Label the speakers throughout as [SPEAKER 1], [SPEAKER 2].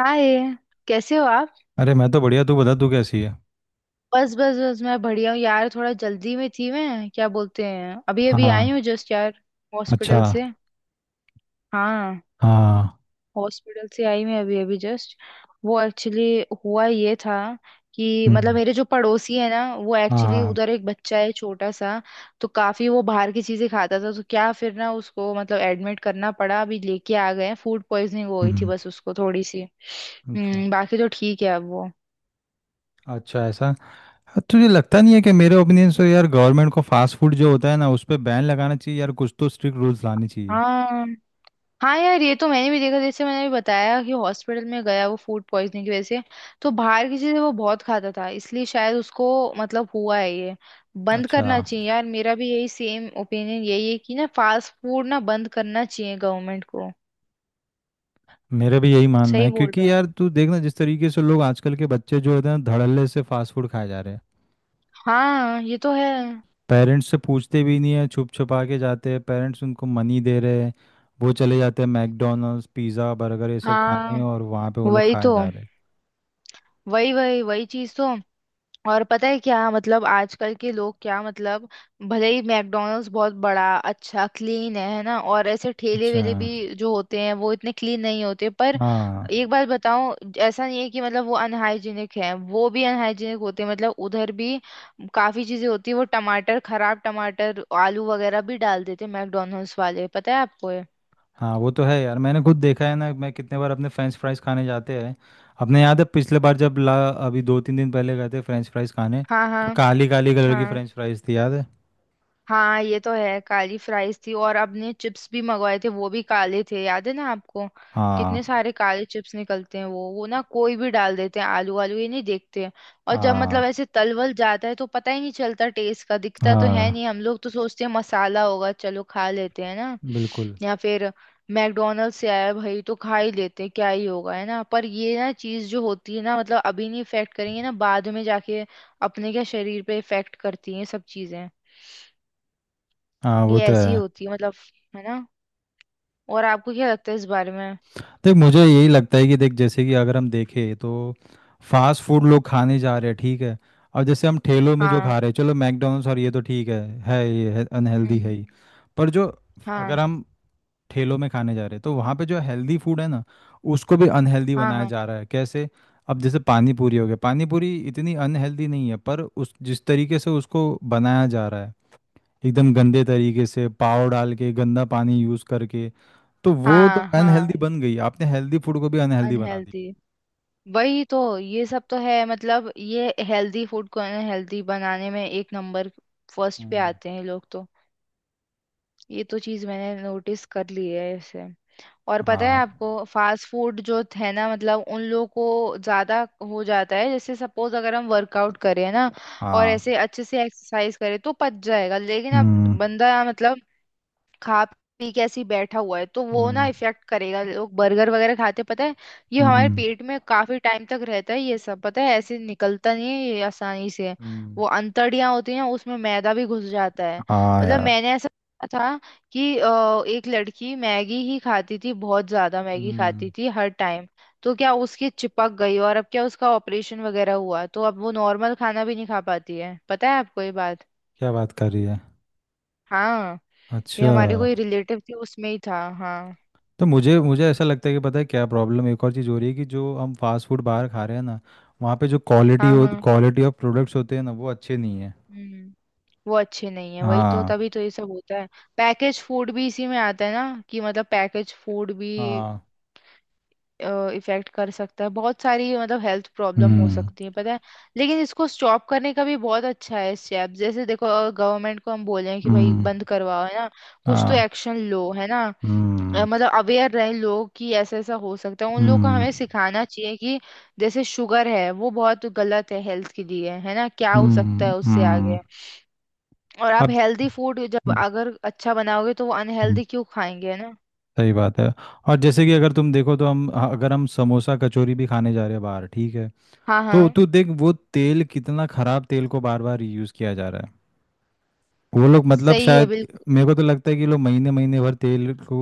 [SPEAKER 1] हाय। कैसे हो आप?
[SPEAKER 2] अरे मैं तो बढ़िया तू बता तू कैसी है।
[SPEAKER 1] बस बस बस मैं बढ़िया हूँ यार, थोड़ा जल्दी में थी। मैं क्या बोलते हैं, अभी अभी
[SPEAKER 2] हाँ।
[SPEAKER 1] आई हूँ जस्ट यार,
[SPEAKER 2] अच्छा।
[SPEAKER 1] हॉस्पिटल से। हाँ,
[SPEAKER 2] हाँ।
[SPEAKER 1] हॉस्पिटल से आई मैं अभी अभी जस्ट। वो एक्चुअली हुआ ये था कि, मतलब
[SPEAKER 2] हम्म।
[SPEAKER 1] मेरे जो पड़ोसी है ना, वो
[SPEAKER 2] हाँ
[SPEAKER 1] एक्चुअली
[SPEAKER 2] हाँ।
[SPEAKER 1] उधर एक बच्चा है छोटा सा, तो काफी वो बाहर की चीजें खाता था, तो क्या फिर ना उसको मतलब एडमिट करना पड़ा, अभी लेके आ गए हैं। फूड पॉइजनिंग हो गई थी
[SPEAKER 2] हम्म।
[SPEAKER 1] बस उसको थोड़ी सी।
[SPEAKER 2] अच्छा।
[SPEAKER 1] हम्म, बाकी तो ठीक है अब वो।
[SPEAKER 2] अच्छा ऐसा। तुझे लगता नहीं है कि मेरे ओपिनियन से यार गवर्नमेंट को फास्ट फूड जो होता है ना उस पे बैन लगाना चाहिए यार कुछ तो स्ट्रिक्ट रूल्स लाने चाहिए।
[SPEAKER 1] हाँ हाँ यार, ये तो मैंने भी देखा, जैसे मैंने भी बताया कि हॉस्पिटल में गया वो फूड पॉइजनिंग की वजह से। तो बाहर की चीजें वो बहुत खाता था, इसलिए शायद उसको मतलब हुआ है ये। बंद
[SPEAKER 2] अच्छा।
[SPEAKER 1] करना चाहिए यार, मेरा भी यही सेम ओपिनियन यही है कि ना, फास्ट फूड ना बंद करना चाहिए गवर्नमेंट को।
[SPEAKER 2] मेरा भी यही मानना
[SPEAKER 1] सही
[SPEAKER 2] है
[SPEAKER 1] बोल रहे
[SPEAKER 2] क्योंकि
[SPEAKER 1] हो।
[SPEAKER 2] यार तू देखना जिस तरीके से लोग आजकल के बच्चे जो होते हैं ना धड़ल्ले से फास्ट फूड खाए जा रहे हैं।
[SPEAKER 1] हाँ ये तो है।
[SPEAKER 2] पेरेंट्स से पूछते भी नहीं है छुप छुपा के जाते हैं पेरेंट्स उनको मनी दे रहे हैं। वो चले जाते हैं मैकडोनल्ड्स पिज़्ज़ा बर्गर ये सब खाने
[SPEAKER 1] हाँ।
[SPEAKER 2] और वहाँ पे वो लोग
[SPEAKER 1] वही
[SPEAKER 2] खाए
[SPEAKER 1] तो।
[SPEAKER 2] जा रहे हैं।
[SPEAKER 1] वही वही वही चीज तो। और पता है क्या, मतलब आजकल के लोग, क्या मतलब, भले ही मैकडॉनल्ड्स बहुत बड़ा अच्छा क्लीन है ना, और ऐसे ठेले
[SPEAKER 2] अच्छा।
[SPEAKER 1] वेले भी जो होते हैं वो इतने क्लीन नहीं होते, पर
[SPEAKER 2] हाँ
[SPEAKER 1] एक बात बताऊं, ऐसा नहीं है कि मतलब वो अनहाइजीनिक है। वो भी अनहाइजीनिक होते हैं, मतलब उधर भी काफी चीजें होती है। वो टमाटर, खराब टमाटर, आलू वगैरह भी डाल देते हैं मैकडॉनल्ड्स वाले, पता है आपको ये?
[SPEAKER 2] हाँ। वो तो है यार मैंने खुद देखा है ना मैं कितने बार अपने फ्रेंच फ्राइज खाने जाते हैं। अपने याद है पिछले बार जब ला अभी दो तीन दिन पहले गए थे फ्रेंच फ्राइज खाने।
[SPEAKER 1] हाँ हाँ।
[SPEAKER 2] तो काली काली कलर की
[SPEAKER 1] हाँ
[SPEAKER 2] फ्रेंच फ्राइज थी याद है।
[SPEAKER 1] हाँ ये तो है, काली फ्राइज थी, और आपने चिप्स भी मंगवाए थे, वो भी काले थे, याद है ना आपको? कितने
[SPEAKER 2] हाँ।
[SPEAKER 1] सारे काले चिप्स निकलते हैं। वो ना कोई भी डाल देते हैं आलू, आलू ये नहीं देखते हैं। और जब मतलब
[SPEAKER 2] हाँ।
[SPEAKER 1] ऐसे तलवल जाता है तो पता ही नहीं चलता टेस्ट का, दिखता तो है
[SPEAKER 2] हाँ।
[SPEAKER 1] नहीं, हम लोग तो सोचते हैं मसाला होगा, चलो खा लेते हैं ना।
[SPEAKER 2] बिल्कुल।
[SPEAKER 1] या फिर मैकडोनल्ड से आया भाई तो खा ही लेते हैं, क्या ही होगा, है ना। पर ये ना चीज जो होती है ना, मतलब अभी नहीं इफेक्ट करेंगे, ना बाद में जाके अपने क्या शरीर पे इफेक्ट करती है सब चीजें।
[SPEAKER 2] हाँ। वो
[SPEAKER 1] ये
[SPEAKER 2] तो
[SPEAKER 1] ऐसी
[SPEAKER 2] है।
[SPEAKER 1] होती है मतलब, है ना। और आपको क्या लगता है इस बारे में?
[SPEAKER 2] देख मुझे यही लगता है कि देख जैसे कि अगर हम देखें तो फास्ट फूड लोग खाने जा रहे हैं ठीक है। और जैसे हम ठेलों में जो
[SPEAKER 1] हाँ।
[SPEAKER 2] खा रहे हैं चलो मैकडोनल्ड्स और ये तो ठीक है ये अनहेल्दी है
[SPEAKER 1] हम्म।
[SPEAKER 2] ही। पर जो अगर
[SPEAKER 1] हाँ
[SPEAKER 2] हम ठेलों में खाने जा रहे हैं तो वहाँ पे जो हेल्दी फूड है ना उसको भी अनहेल्दी
[SPEAKER 1] हाँ
[SPEAKER 2] बनाया
[SPEAKER 1] हाँ
[SPEAKER 2] जा रहा है कैसे। अब जैसे पानी पूरी हो गया पानी पूरी इतनी अनहेल्दी नहीं है पर उस जिस तरीके से उसको बनाया जा रहा है एकदम गंदे तरीके से पाव डाल के गंदा पानी यूज़ करके तो वो तो
[SPEAKER 1] हाँ।
[SPEAKER 2] अनहेल्दी
[SPEAKER 1] हाँ।
[SPEAKER 2] बन गई आपने हेल्दी फूड को भी अनहेल्दी बना दी।
[SPEAKER 1] अनहेल्दी। वही तो, ये सब तो है मतलब, ये हेल्दी फूड को अनहेल्दी बनाने में एक नंबर फर्स्ट पे
[SPEAKER 2] हम्म।
[SPEAKER 1] आते हैं ये लोग तो। ये तो चीज मैंने नोटिस कर ली है ऐसे। और पता है
[SPEAKER 2] हाँ
[SPEAKER 1] आपको फास्ट फूड जो है ना, मतलब उन लोगों को ज्यादा हो जाता है। जैसे सपोज अगर हम वर्कआउट करें ना, और
[SPEAKER 2] हाँ।
[SPEAKER 1] ऐसे अच्छे से एक्सरसाइज करें तो पच जाएगा। लेकिन अब
[SPEAKER 2] हम्म।
[SPEAKER 1] बंदा मतलब खा पी के ऐसे ही बैठा हुआ है तो वो ना
[SPEAKER 2] हम्म।
[SPEAKER 1] इफेक्ट करेगा। लोग बर्गर वगैरह खाते, पता है, ये हमारे
[SPEAKER 2] हम्म।
[SPEAKER 1] पेट में काफी टाइम तक रहता है ये सब, पता है, ऐसे निकलता नहीं है ये आसानी से।
[SPEAKER 2] हम्म।
[SPEAKER 1] वो अंतड़ियां होती हैं उसमें मैदा भी घुस जाता है।
[SPEAKER 2] हाँ
[SPEAKER 1] मतलब
[SPEAKER 2] यार।
[SPEAKER 1] मैंने ऐसा देखा था कि एक लड़की मैगी ही खाती थी, बहुत ज्यादा मैगी
[SPEAKER 2] हम्म।
[SPEAKER 1] खाती थी हर टाइम। तो क्या, उसकी चिपक गई, और अब क्या उसका ऑपरेशन वगैरह हुआ, तो अब वो नॉर्मल खाना भी नहीं खा पाती है, पता है आपको ये बात?
[SPEAKER 2] क्या बात कर रही है।
[SPEAKER 1] हाँ ये
[SPEAKER 2] अच्छा।
[SPEAKER 1] हमारे कोई रिलेटिव थे, उसमें ही था हाँ।
[SPEAKER 2] तो मुझे मुझे ऐसा लगता है कि पता है क्या प्रॉब्लम एक और चीज़ हो रही है कि जो हम फास्ट फूड बाहर खा रहे हैं ना वहाँ पे जो
[SPEAKER 1] हाँ हाँ
[SPEAKER 2] क्वालिटी ऑफ प्रोडक्ट्स होते हैं ना वो अच्छे नहीं है।
[SPEAKER 1] हम्म। वो अच्छे नहीं है, वही तो,
[SPEAKER 2] हाँ।
[SPEAKER 1] तभी तो ये सब होता है। पैकेज फूड भी इसी में आता है ना, कि मतलब पैकेज फूड भी
[SPEAKER 2] हाँ।
[SPEAKER 1] इफेक्ट कर सकता है, बहुत सारी मतलब हेल्थ प्रॉब्लम हो
[SPEAKER 2] हम्म।
[SPEAKER 1] सकती है पता है। लेकिन इसको स्टॉप करने का भी बहुत अच्छा है स्टेप, जैसे देखो गवर्नमेंट को हम बोलें कि भाई
[SPEAKER 2] हम्म।
[SPEAKER 1] बंद करवाओ, है ना। कुछ तो
[SPEAKER 2] हाँ।
[SPEAKER 1] एक्शन लो, है ना।
[SPEAKER 2] हम्म।
[SPEAKER 1] मतलब अवेयर रहे लोग कि ऐसा ऐसा हो सकता है, उन लोगों को
[SPEAKER 2] हम्म।
[SPEAKER 1] हमें सिखाना चाहिए कि जैसे शुगर है वो बहुत गलत है हेल्थ के लिए, है ना, क्या हो सकता
[SPEAKER 2] हम्म।
[SPEAKER 1] है उससे
[SPEAKER 2] हम्म।
[SPEAKER 1] आगे। और आप
[SPEAKER 2] अब।
[SPEAKER 1] हेल्दी फूड जब
[SPEAKER 2] हम्म।
[SPEAKER 1] अगर अच्छा बनाओगे तो वो
[SPEAKER 2] हम्म।
[SPEAKER 1] अनहेल्दी क्यों खाएंगे, है ना।
[SPEAKER 2] सही बात है। और जैसे कि अगर तुम देखो तो हम अगर हम समोसा कचौरी भी खाने जा रहे हैं बाहर ठीक है।
[SPEAKER 1] हाँ
[SPEAKER 2] तो
[SPEAKER 1] हाँ
[SPEAKER 2] तू देख वो तेल कितना खराब तेल को बार बार रीयूज किया जा रहा है। वो लोग मतलब
[SPEAKER 1] सही है
[SPEAKER 2] शायद।
[SPEAKER 1] बिल्कुल।
[SPEAKER 2] मेरे को तो लगता है कि लोग महीने महीने भर तेल को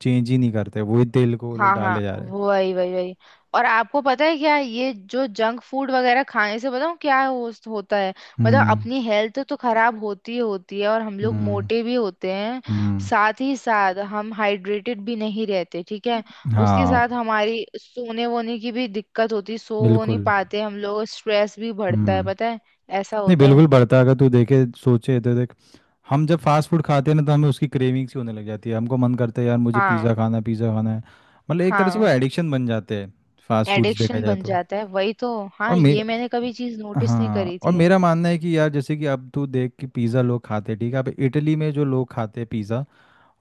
[SPEAKER 2] चेंज ही नहीं करते वही तेल को वो लोग
[SPEAKER 1] हाँ हाँ।
[SPEAKER 2] डाले जा रहे हैं।
[SPEAKER 1] वही वही वही। और आपको पता है क्या, ये जो जंक फूड वगैरह खाने से बताऊँ क्या होता है? मतलब
[SPEAKER 2] हम्म।
[SPEAKER 1] अपनी हेल्थ तो खराब होती ही होती है और हम लोग
[SPEAKER 2] हम्म।
[SPEAKER 1] मोटे भी होते हैं।
[SPEAKER 2] हम्म।
[SPEAKER 1] साथ ही साथ हम हाइड्रेटेड भी नहीं रहते, ठीक है। उसके
[SPEAKER 2] हाँ।
[SPEAKER 1] साथ हमारी सोने वोने की भी दिक्कत होती, सो वो नहीं
[SPEAKER 2] बिल्कुल।
[SPEAKER 1] पाते हम लोग, स्ट्रेस भी बढ़ता
[SPEAKER 2] हम्म।
[SPEAKER 1] है पता है। ऐसा
[SPEAKER 2] नहीं
[SPEAKER 1] होता है।
[SPEAKER 2] बिल्कुल बढ़ता है अगर तू देखे सोचे तो देख। हम जब फास्ट फूड खाते हैं ना तो हमें उसकी क्रेविंग्स ही होने लग जाती है हमको मन करता है यार मुझे
[SPEAKER 1] हाँ।
[SPEAKER 2] पिज़्ज़ा खाना है पिज़्ज़ा खाना है। मतलब एक तरह से वो
[SPEAKER 1] हाँ
[SPEAKER 2] एडिक्शन बन जाते हैं। फास्ट फूड्स देखा
[SPEAKER 1] एडिक्शन
[SPEAKER 2] जाए
[SPEAKER 1] बन
[SPEAKER 2] तो।
[SPEAKER 1] जाता है, वही तो। हाँ
[SPEAKER 2] और मे
[SPEAKER 1] ये मैंने कभी चीज नोटिस नहीं
[SPEAKER 2] हाँ
[SPEAKER 1] करी
[SPEAKER 2] और
[SPEAKER 1] थी।
[SPEAKER 2] मेरा मानना है कि यार जैसे कि अब तू देख कि पिज़्ज़ा लोग खाते हैं ठीक है अब इटली में जो लोग खाते हैं पिज़्ज़ा।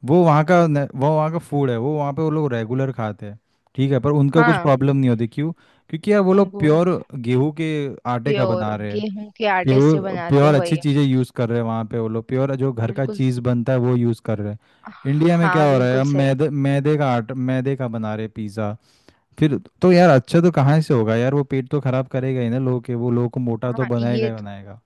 [SPEAKER 2] वो वहाँ का न- वो वहाँ का फूड है वो वहाँ पे वो लोग रेगुलर खाते हैं। ठीक है पर उनका कुछ
[SPEAKER 1] हाँ
[SPEAKER 2] प्रॉब्लम नहीं होती क्यों। क्योंकि यार वो लोग
[SPEAKER 1] उनको।
[SPEAKER 2] प्योर गेहूं के आटे का
[SPEAKER 1] प्योर
[SPEAKER 2] बना रहे हैं।
[SPEAKER 1] गेहूं के आटे से
[SPEAKER 2] प्योर
[SPEAKER 1] बनाते हैं,
[SPEAKER 2] प्योर अच्छी
[SPEAKER 1] वही।
[SPEAKER 2] चीज़ें यूज़ कर रहे हैं वहाँ पे वो लोग प्योर जो घर का
[SPEAKER 1] बिल्कुल।
[SPEAKER 2] चीज़ बनता है वो यूज़ कर रहे हैं। इंडिया में
[SPEAKER 1] हाँ
[SPEAKER 2] क्या हो रहा है
[SPEAKER 1] बिल्कुल
[SPEAKER 2] अब
[SPEAKER 1] सही।
[SPEAKER 2] मैदे मैदे का आट मैदे का बना रहे पिज़्ज़ा। फिर तो यार अच्छा तो कहाँ से होगा यार वो पेट तो खराब करेगा ही ना लोगों के वो लोगों को मोटा तो
[SPEAKER 1] हाँ
[SPEAKER 2] बनाएगा
[SPEAKER 1] ये
[SPEAKER 2] ही बनाएगा।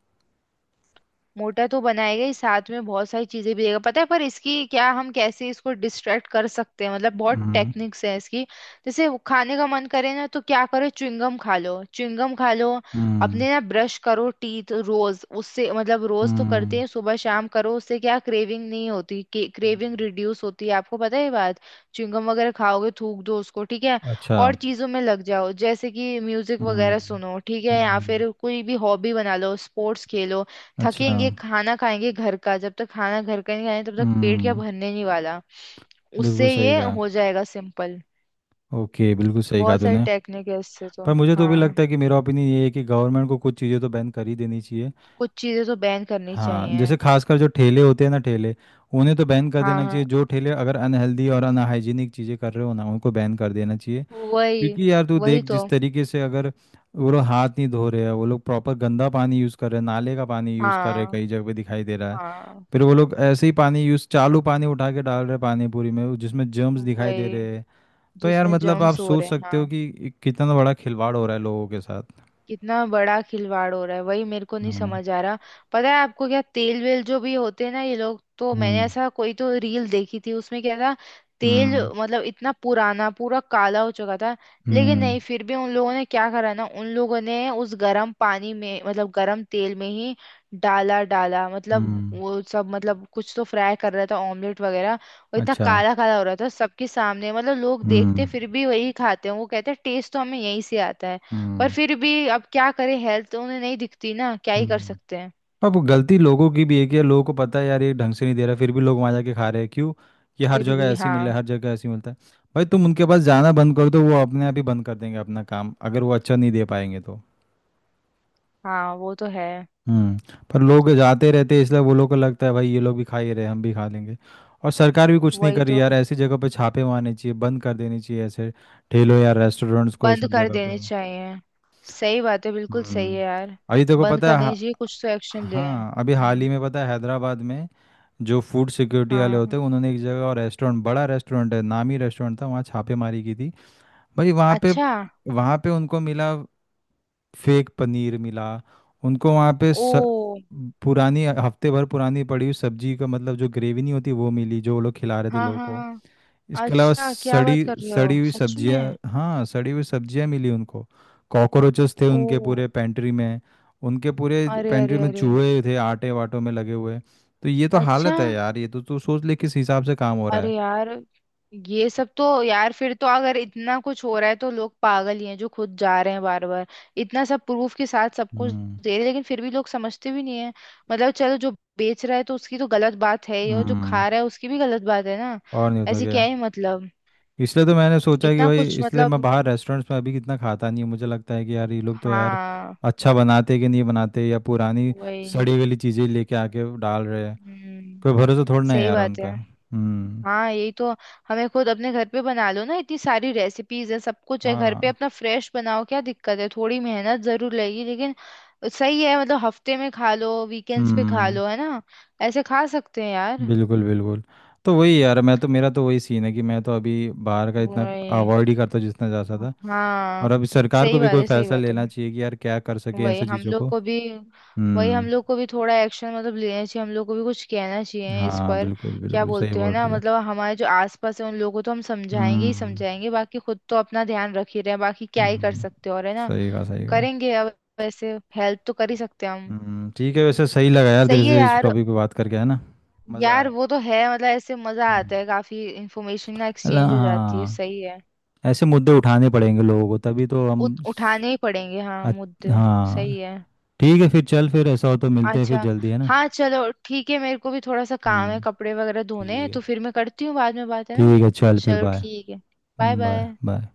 [SPEAKER 1] मोटा तो बनाएगा ही, साथ में बहुत सारी चीजें भी देगा पता है। पर इसकी क्या, हम कैसे इसको डिस्ट्रैक्ट कर सकते हैं, मतलब बहुत
[SPEAKER 2] हम्म।
[SPEAKER 1] टेक्निक्स है इसकी। जैसे वो खाने का मन करे ना तो क्या करो, च्युइंगम खा लो।
[SPEAKER 2] हम्म।
[SPEAKER 1] अपने ना ब्रश करो टीथ रोज, उससे मतलब रोज तो करते
[SPEAKER 2] हम्म।
[SPEAKER 1] हैं, सुबह शाम करो, उससे क्या क्रेविंग नहीं होती, क्रेविंग
[SPEAKER 2] हम्म।
[SPEAKER 1] रिड्यूस होती है, आपको पता है ये बात? च्युइंगम वगैरह खाओगे, थूक दो उसको, ठीक है।
[SPEAKER 2] अच्छा।
[SPEAKER 1] और चीजों में लग जाओ, जैसे कि म्यूजिक वगैरह
[SPEAKER 2] हम्म।
[SPEAKER 1] सुनो, ठीक है, या
[SPEAKER 2] हम्म।
[SPEAKER 1] फिर कोई भी हॉबी बना लो, स्पोर्ट्स खेलो।
[SPEAKER 2] अच्छा।
[SPEAKER 1] थकेंगे खाना खाएंगे घर का, जब तक खाना घर का नहीं खाएंगे तब तक पेट क्या
[SPEAKER 2] हम्म।
[SPEAKER 1] भरने नहीं वाला।
[SPEAKER 2] बिल्कुल
[SPEAKER 1] उससे
[SPEAKER 2] सही
[SPEAKER 1] ये
[SPEAKER 2] कहा।
[SPEAKER 1] हो जाएगा सिंपल।
[SPEAKER 2] ओके बिल्कुल सही कहा
[SPEAKER 1] बहुत सारी
[SPEAKER 2] तूने।
[SPEAKER 1] टेक्निक है इससे तो।
[SPEAKER 2] पर मुझे तो भी
[SPEAKER 1] हाँ,
[SPEAKER 2] लगता है कि मेरा ओपिनियन ये है कि गवर्नमेंट को कुछ चीज़ें तो बैन कर ही देनी चाहिए।
[SPEAKER 1] कुछ चीजें तो बैन करनी
[SPEAKER 2] हाँ
[SPEAKER 1] चाहिए।
[SPEAKER 2] जैसे खासकर जो ठेले होते हैं ना ठेले। उन्हें तो बैन कर
[SPEAKER 1] हाँ
[SPEAKER 2] देना चाहिए
[SPEAKER 1] हाँ
[SPEAKER 2] जो ठेले अगर अनहेल्दी और अनहाइजीनिक चीज़ें कर रहे हो ना उनको बैन कर देना चाहिए।
[SPEAKER 1] वही।
[SPEAKER 2] क्योंकि यार तू
[SPEAKER 1] वही
[SPEAKER 2] देख
[SPEAKER 1] तो।
[SPEAKER 2] जिस तरीके से अगर वो लोग हाथ नहीं धो रहे हैं वो लोग प्रॉपर गंदा पानी यूज़ कर रहे हैं नाले का पानी यूज़ कर रहे हैं
[SPEAKER 1] हाँ
[SPEAKER 2] कई जगह पे दिखाई दे रहा है।
[SPEAKER 1] हाँ
[SPEAKER 2] फिर वो लोग ऐसे ही पानी यूज़ चालू पानी उठा के डाल रहे हैं पानी पूरी में वो जिसमें जर्म्स दिखाई दे
[SPEAKER 1] वही
[SPEAKER 2] रहे हैं। तो यार
[SPEAKER 1] जिसमें
[SPEAKER 2] मतलब आप
[SPEAKER 1] जर्म्स हो
[SPEAKER 2] सोच
[SPEAKER 1] रहे हैं
[SPEAKER 2] सकते हो
[SPEAKER 1] हाँ।
[SPEAKER 2] कि कितना बड़ा खिलवाड़ हो रहा है लोगों के साथ।
[SPEAKER 1] कितना बड़ा खिलवाड़ हो रहा है, वही मेरे को नहीं
[SPEAKER 2] हम्म।
[SPEAKER 1] समझ आ रहा। पता है आपको क्या, तेल वेल जो भी होते हैं ना, ये लोग, तो मैंने
[SPEAKER 2] हम्म।
[SPEAKER 1] ऐसा कोई तो रील देखी थी, उसमें क्या था, तेल
[SPEAKER 2] हम्म।
[SPEAKER 1] मतलब इतना पुराना पूरा काला हो चुका था। लेकिन
[SPEAKER 2] हम्म।
[SPEAKER 1] नहीं, फिर भी उन लोगों ने क्या करा ना, उन लोगों ने उस गर्म पानी में, मतलब गर्म तेल में ही डाला डाला मतलब
[SPEAKER 2] हम्म।
[SPEAKER 1] वो सब, मतलब कुछ तो फ्राई कर रहा था, ऑमलेट वगैरह, और इतना
[SPEAKER 2] अच्छा।
[SPEAKER 1] काला काला हो रहा था सबके सामने, मतलब लोग देखते
[SPEAKER 2] हम्म।
[SPEAKER 1] फिर भी वही खाते हैं। वो कहते हैं टेस्ट तो हमें यहीं से आता है। पर
[SPEAKER 2] हम्म।
[SPEAKER 1] फिर भी अब क्या करें, हेल्थ तो उन्हें नहीं दिखती ना, क्या ही कर
[SPEAKER 2] हम्म।
[SPEAKER 1] सकते हैं।
[SPEAKER 2] अब वो गलती लोगों की भी है कि यार लोगों को पता है यार ये ढंग से नहीं दे रहा फिर भी लोग वहाँ जाके खा रहे हैं क्यों। ये हर
[SPEAKER 1] फिर
[SPEAKER 2] जगह
[SPEAKER 1] भी
[SPEAKER 2] ऐसे ही
[SPEAKER 1] हाँ।
[SPEAKER 2] मिल रहा है हर जगह ऐसे ही मिलता है। भाई तुम उनके पास जाना बंद कर दो वो अपने आप ही बंद कर देंगे अपना काम अगर वो अच्छा नहीं दे पाएंगे तो।
[SPEAKER 1] हाँ वो तो है।
[SPEAKER 2] हम्म। पर लोग जाते रहते हैं इसलिए वो लोग को लगता है भाई ये लोग भी खा ही रहे हैं, हम भी खा लेंगे। और सरकार भी कुछ नहीं
[SPEAKER 1] वही
[SPEAKER 2] कर रही
[SPEAKER 1] तो,
[SPEAKER 2] यार ऐसी जगह पे छापे मारने चाहिए बंद कर देने चाहिए ऐसे ठेलों या रेस्टोरेंट्स को ये
[SPEAKER 1] बंद
[SPEAKER 2] सब
[SPEAKER 1] कर
[SPEAKER 2] जगह पे।
[SPEAKER 1] देने चाहिए। सही बात है, बिल्कुल सही
[SPEAKER 2] हम्म।
[SPEAKER 1] है यार।
[SPEAKER 2] अभी देखो
[SPEAKER 1] बंद
[SPEAKER 2] पता है हा-
[SPEAKER 1] करने चाहिए, कुछ तो एक्शन ले।
[SPEAKER 2] हाँ अभी हाल ही
[SPEAKER 1] हम्म।
[SPEAKER 2] में पता है हैदराबाद में जो फूड सिक्योरिटी वाले
[SPEAKER 1] हाँ।
[SPEAKER 2] होते हैं उन्होंने एक जगह और रेस्टोरेंट बड़ा रेस्टोरेंट है नामी रेस्टोरेंट था वहाँ छापेमारी की थी। भाई वहाँ पे
[SPEAKER 1] अच्छा।
[SPEAKER 2] वहाँ पे उनको मिला। फेक पनीर मिला उनको वहाँ पे।
[SPEAKER 1] ओ।
[SPEAKER 2] पुरानी हफ्ते भर पुरानी पड़ी हुई सब्जी का मतलब जो ग्रेवी नहीं होती वो मिली जो वो लोग खिला रहे थे
[SPEAKER 1] हाँ
[SPEAKER 2] लोगों
[SPEAKER 1] हाँ
[SPEAKER 2] को।
[SPEAKER 1] हाँ
[SPEAKER 2] इसके अलावा
[SPEAKER 1] अच्छा, क्या बात
[SPEAKER 2] सड़ी
[SPEAKER 1] कर रहे
[SPEAKER 2] सड़ी
[SPEAKER 1] हो
[SPEAKER 2] हुई
[SPEAKER 1] सच में?
[SPEAKER 2] सब्जियां हाँ सड़ी हुई सब्जियां मिली उनको। कॉकरोचेस थे
[SPEAKER 1] ओ।
[SPEAKER 2] उनके पूरे पेंट्री में। उनके पूरे
[SPEAKER 1] अरे
[SPEAKER 2] पेंट्री
[SPEAKER 1] अरे
[SPEAKER 2] में
[SPEAKER 1] अरे
[SPEAKER 2] चूहे थे आटे वाटों में लगे हुए तो ये तो
[SPEAKER 1] अच्छा।
[SPEAKER 2] हालत है यार ये तो तू सोच ले किस हिसाब से काम हो रहा
[SPEAKER 1] अरे
[SPEAKER 2] है।
[SPEAKER 1] यार। ये सब तो यार, फिर तो अगर इतना कुछ हो रहा है तो लोग पागल ही हैं, जो खुद जा रहे हैं बार बार। इतना सब प्रूफ के साथ सब कुछ
[SPEAKER 2] हम्म।
[SPEAKER 1] दे रहे हैं, लेकिन फिर भी लोग समझते भी नहीं है। मतलब चलो, जो बेच रहा है तो उसकी तो गलत बात है ही, और जो
[SPEAKER 2] हम्म।
[SPEAKER 1] खा रहा है उसकी भी गलत बात है ना।
[SPEAKER 2] और नहीं होता
[SPEAKER 1] ऐसे क्या
[SPEAKER 2] क्या।
[SPEAKER 1] ही मतलब।
[SPEAKER 2] इसलिए तो मैंने सोचा कि
[SPEAKER 1] इतना
[SPEAKER 2] भाई
[SPEAKER 1] कुछ
[SPEAKER 2] इसलिए मैं
[SPEAKER 1] मतलब,
[SPEAKER 2] बाहर रेस्टोरेंट्स में अभी कितना खाता नहीं हूँ मुझे लगता है कि यार ये लोग तो यार
[SPEAKER 1] हाँ।
[SPEAKER 2] अच्छा बनाते कि नहीं बनाते या पुरानी
[SPEAKER 1] वही।
[SPEAKER 2] सड़ी गली चीज़ें लेके आके डाल रहे हैं।
[SPEAKER 1] हम्म।
[SPEAKER 2] कोई भरोसा थोड़ा ना है
[SPEAKER 1] सही
[SPEAKER 2] यार
[SPEAKER 1] बात है।
[SPEAKER 2] उनका। हम्म।
[SPEAKER 1] हाँ यही तो। हमें खुद अपने घर पे बना लो ना, इतनी सारी रेसिपीज है, सब कुछ है घर पे,
[SPEAKER 2] हाँ।
[SPEAKER 1] अपना फ्रेश बनाओ, क्या दिक्कत है, थोड़ी मेहनत जरूर लगेगी लेकिन सही है। मतलब हफ्ते में खा लो, वीकेंड्स पे खा
[SPEAKER 2] हम्म।
[SPEAKER 1] लो, है ना। ऐसे खा सकते हैं यार।
[SPEAKER 2] बिल्कुल बिल्कुल। तो वही यार मैं तो मेरा तो वही सीन है कि मैं तो अभी बाहर का इतना
[SPEAKER 1] वही।
[SPEAKER 2] अवॉइड ही करता जितना जा सकता।
[SPEAKER 1] हाँ
[SPEAKER 2] और अब सरकार को
[SPEAKER 1] सही
[SPEAKER 2] भी
[SPEAKER 1] बात
[SPEAKER 2] कोई
[SPEAKER 1] है, सही
[SPEAKER 2] फैसला
[SPEAKER 1] बात है।
[SPEAKER 2] लेना चाहिए कि यार क्या कर सके
[SPEAKER 1] वही
[SPEAKER 2] ऐसी
[SPEAKER 1] हम
[SPEAKER 2] चीज़ों
[SPEAKER 1] लोग
[SPEAKER 2] को।
[SPEAKER 1] को भी, वही हम
[SPEAKER 2] हम्म।
[SPEAKER 1] लोग को भी थोड़ा एक्शन मतलब लेना चाहिए, हम लोग को भी कुछ कहना चाहिए इस
[SPEAKER 2] हाँ
[SPEAKER 1] पर।
[SPEAKER 2] बिल्कुल
[SPEAKER 1] क्या
[SPEAKER 2] बिल्कुल सही
[SPEAKER 1] बोलते हैं
[SPEAKER 2] बोल
[SPEAKER 1] ना,
[SPEAKER 2] रही है।
[SPEAKER 1] मतलब हमारे जो आसपास है उन लोगों को तो हम समझाएंगे ही
[SPEAKER 2] हम्म।
[SPEAKER 1] समझाएंगे, बाकी खुद तो अपना ध्यान रख ही रहे हैं, बाकी क्या ही कर
[SPEAKER 2] हम्म।
[SPEAKER 1] सकते हैं और, है ना।
[SPEAKER 2] सही कहा सही कहा।
[SPEAKER 1] करेंगे, अब वैसे हेल्प तो कर ही सकते हैं हम।
[SPEAKER 2] हम्म। ठीक है वैसे सही लगा यार तेरे
[SPEAKER 1] सही है
[SPEAKER 2] से इस
[SPEAKER 1] यार।
[SPEAKER 2] टॉपिक पे बात करके है ना। मज़ा आया।
[SPEAKER 1] यार वो तो है मतलब, ऐसे मजा
[SPEAKER 2] हम्म।
[SPEAKER 1] आता है, काफी इंफॉर्मेशन ना एक्सचेंज हो जाती है,
[SPEAKER 2] हाँ।
[SPEAKER 1] सही है।
[SPEAKER 2] ऐसे मुद्दे उठाने पड़ेंगे लोगों को तभी तो हम।
[SPEAKER 1] उठाने ही पड़ेंगे हाँ मुद्दे।
[SPEAKER 2] हाँ।
[SPEAKER 1] सही है।
[SPEAKER 2] ठीक है फिर चल फिर ऐसा हो तो मिलते हैं फिर
[SPEAKER 1] अच्छा
[SPEAKER 2] जल्दी है ना।
[SPEAKER 1] हाँ, चलो ठीक है, मेरे को भी थोड़ा सा काम है,
[SPEAKER 2] हम्म।
[SPEAKER 1] कपड़े वगैरह धोने हैं,
[SPEAKER 2] ठीक है।
[SPEAKER 1] तो फिर मैं करती हूँ बाद में बात, है ना।
[SPEAKER 2] ठीक है चल फिर
[SPEAKER 1] चलो
[SPEAKER 2] बाय।
[SPEAKER 1] ठीक है। Bye
[SPEAKER 2] bye
[SPEAKER 1] bye.
[SPEAKER 2] बाय।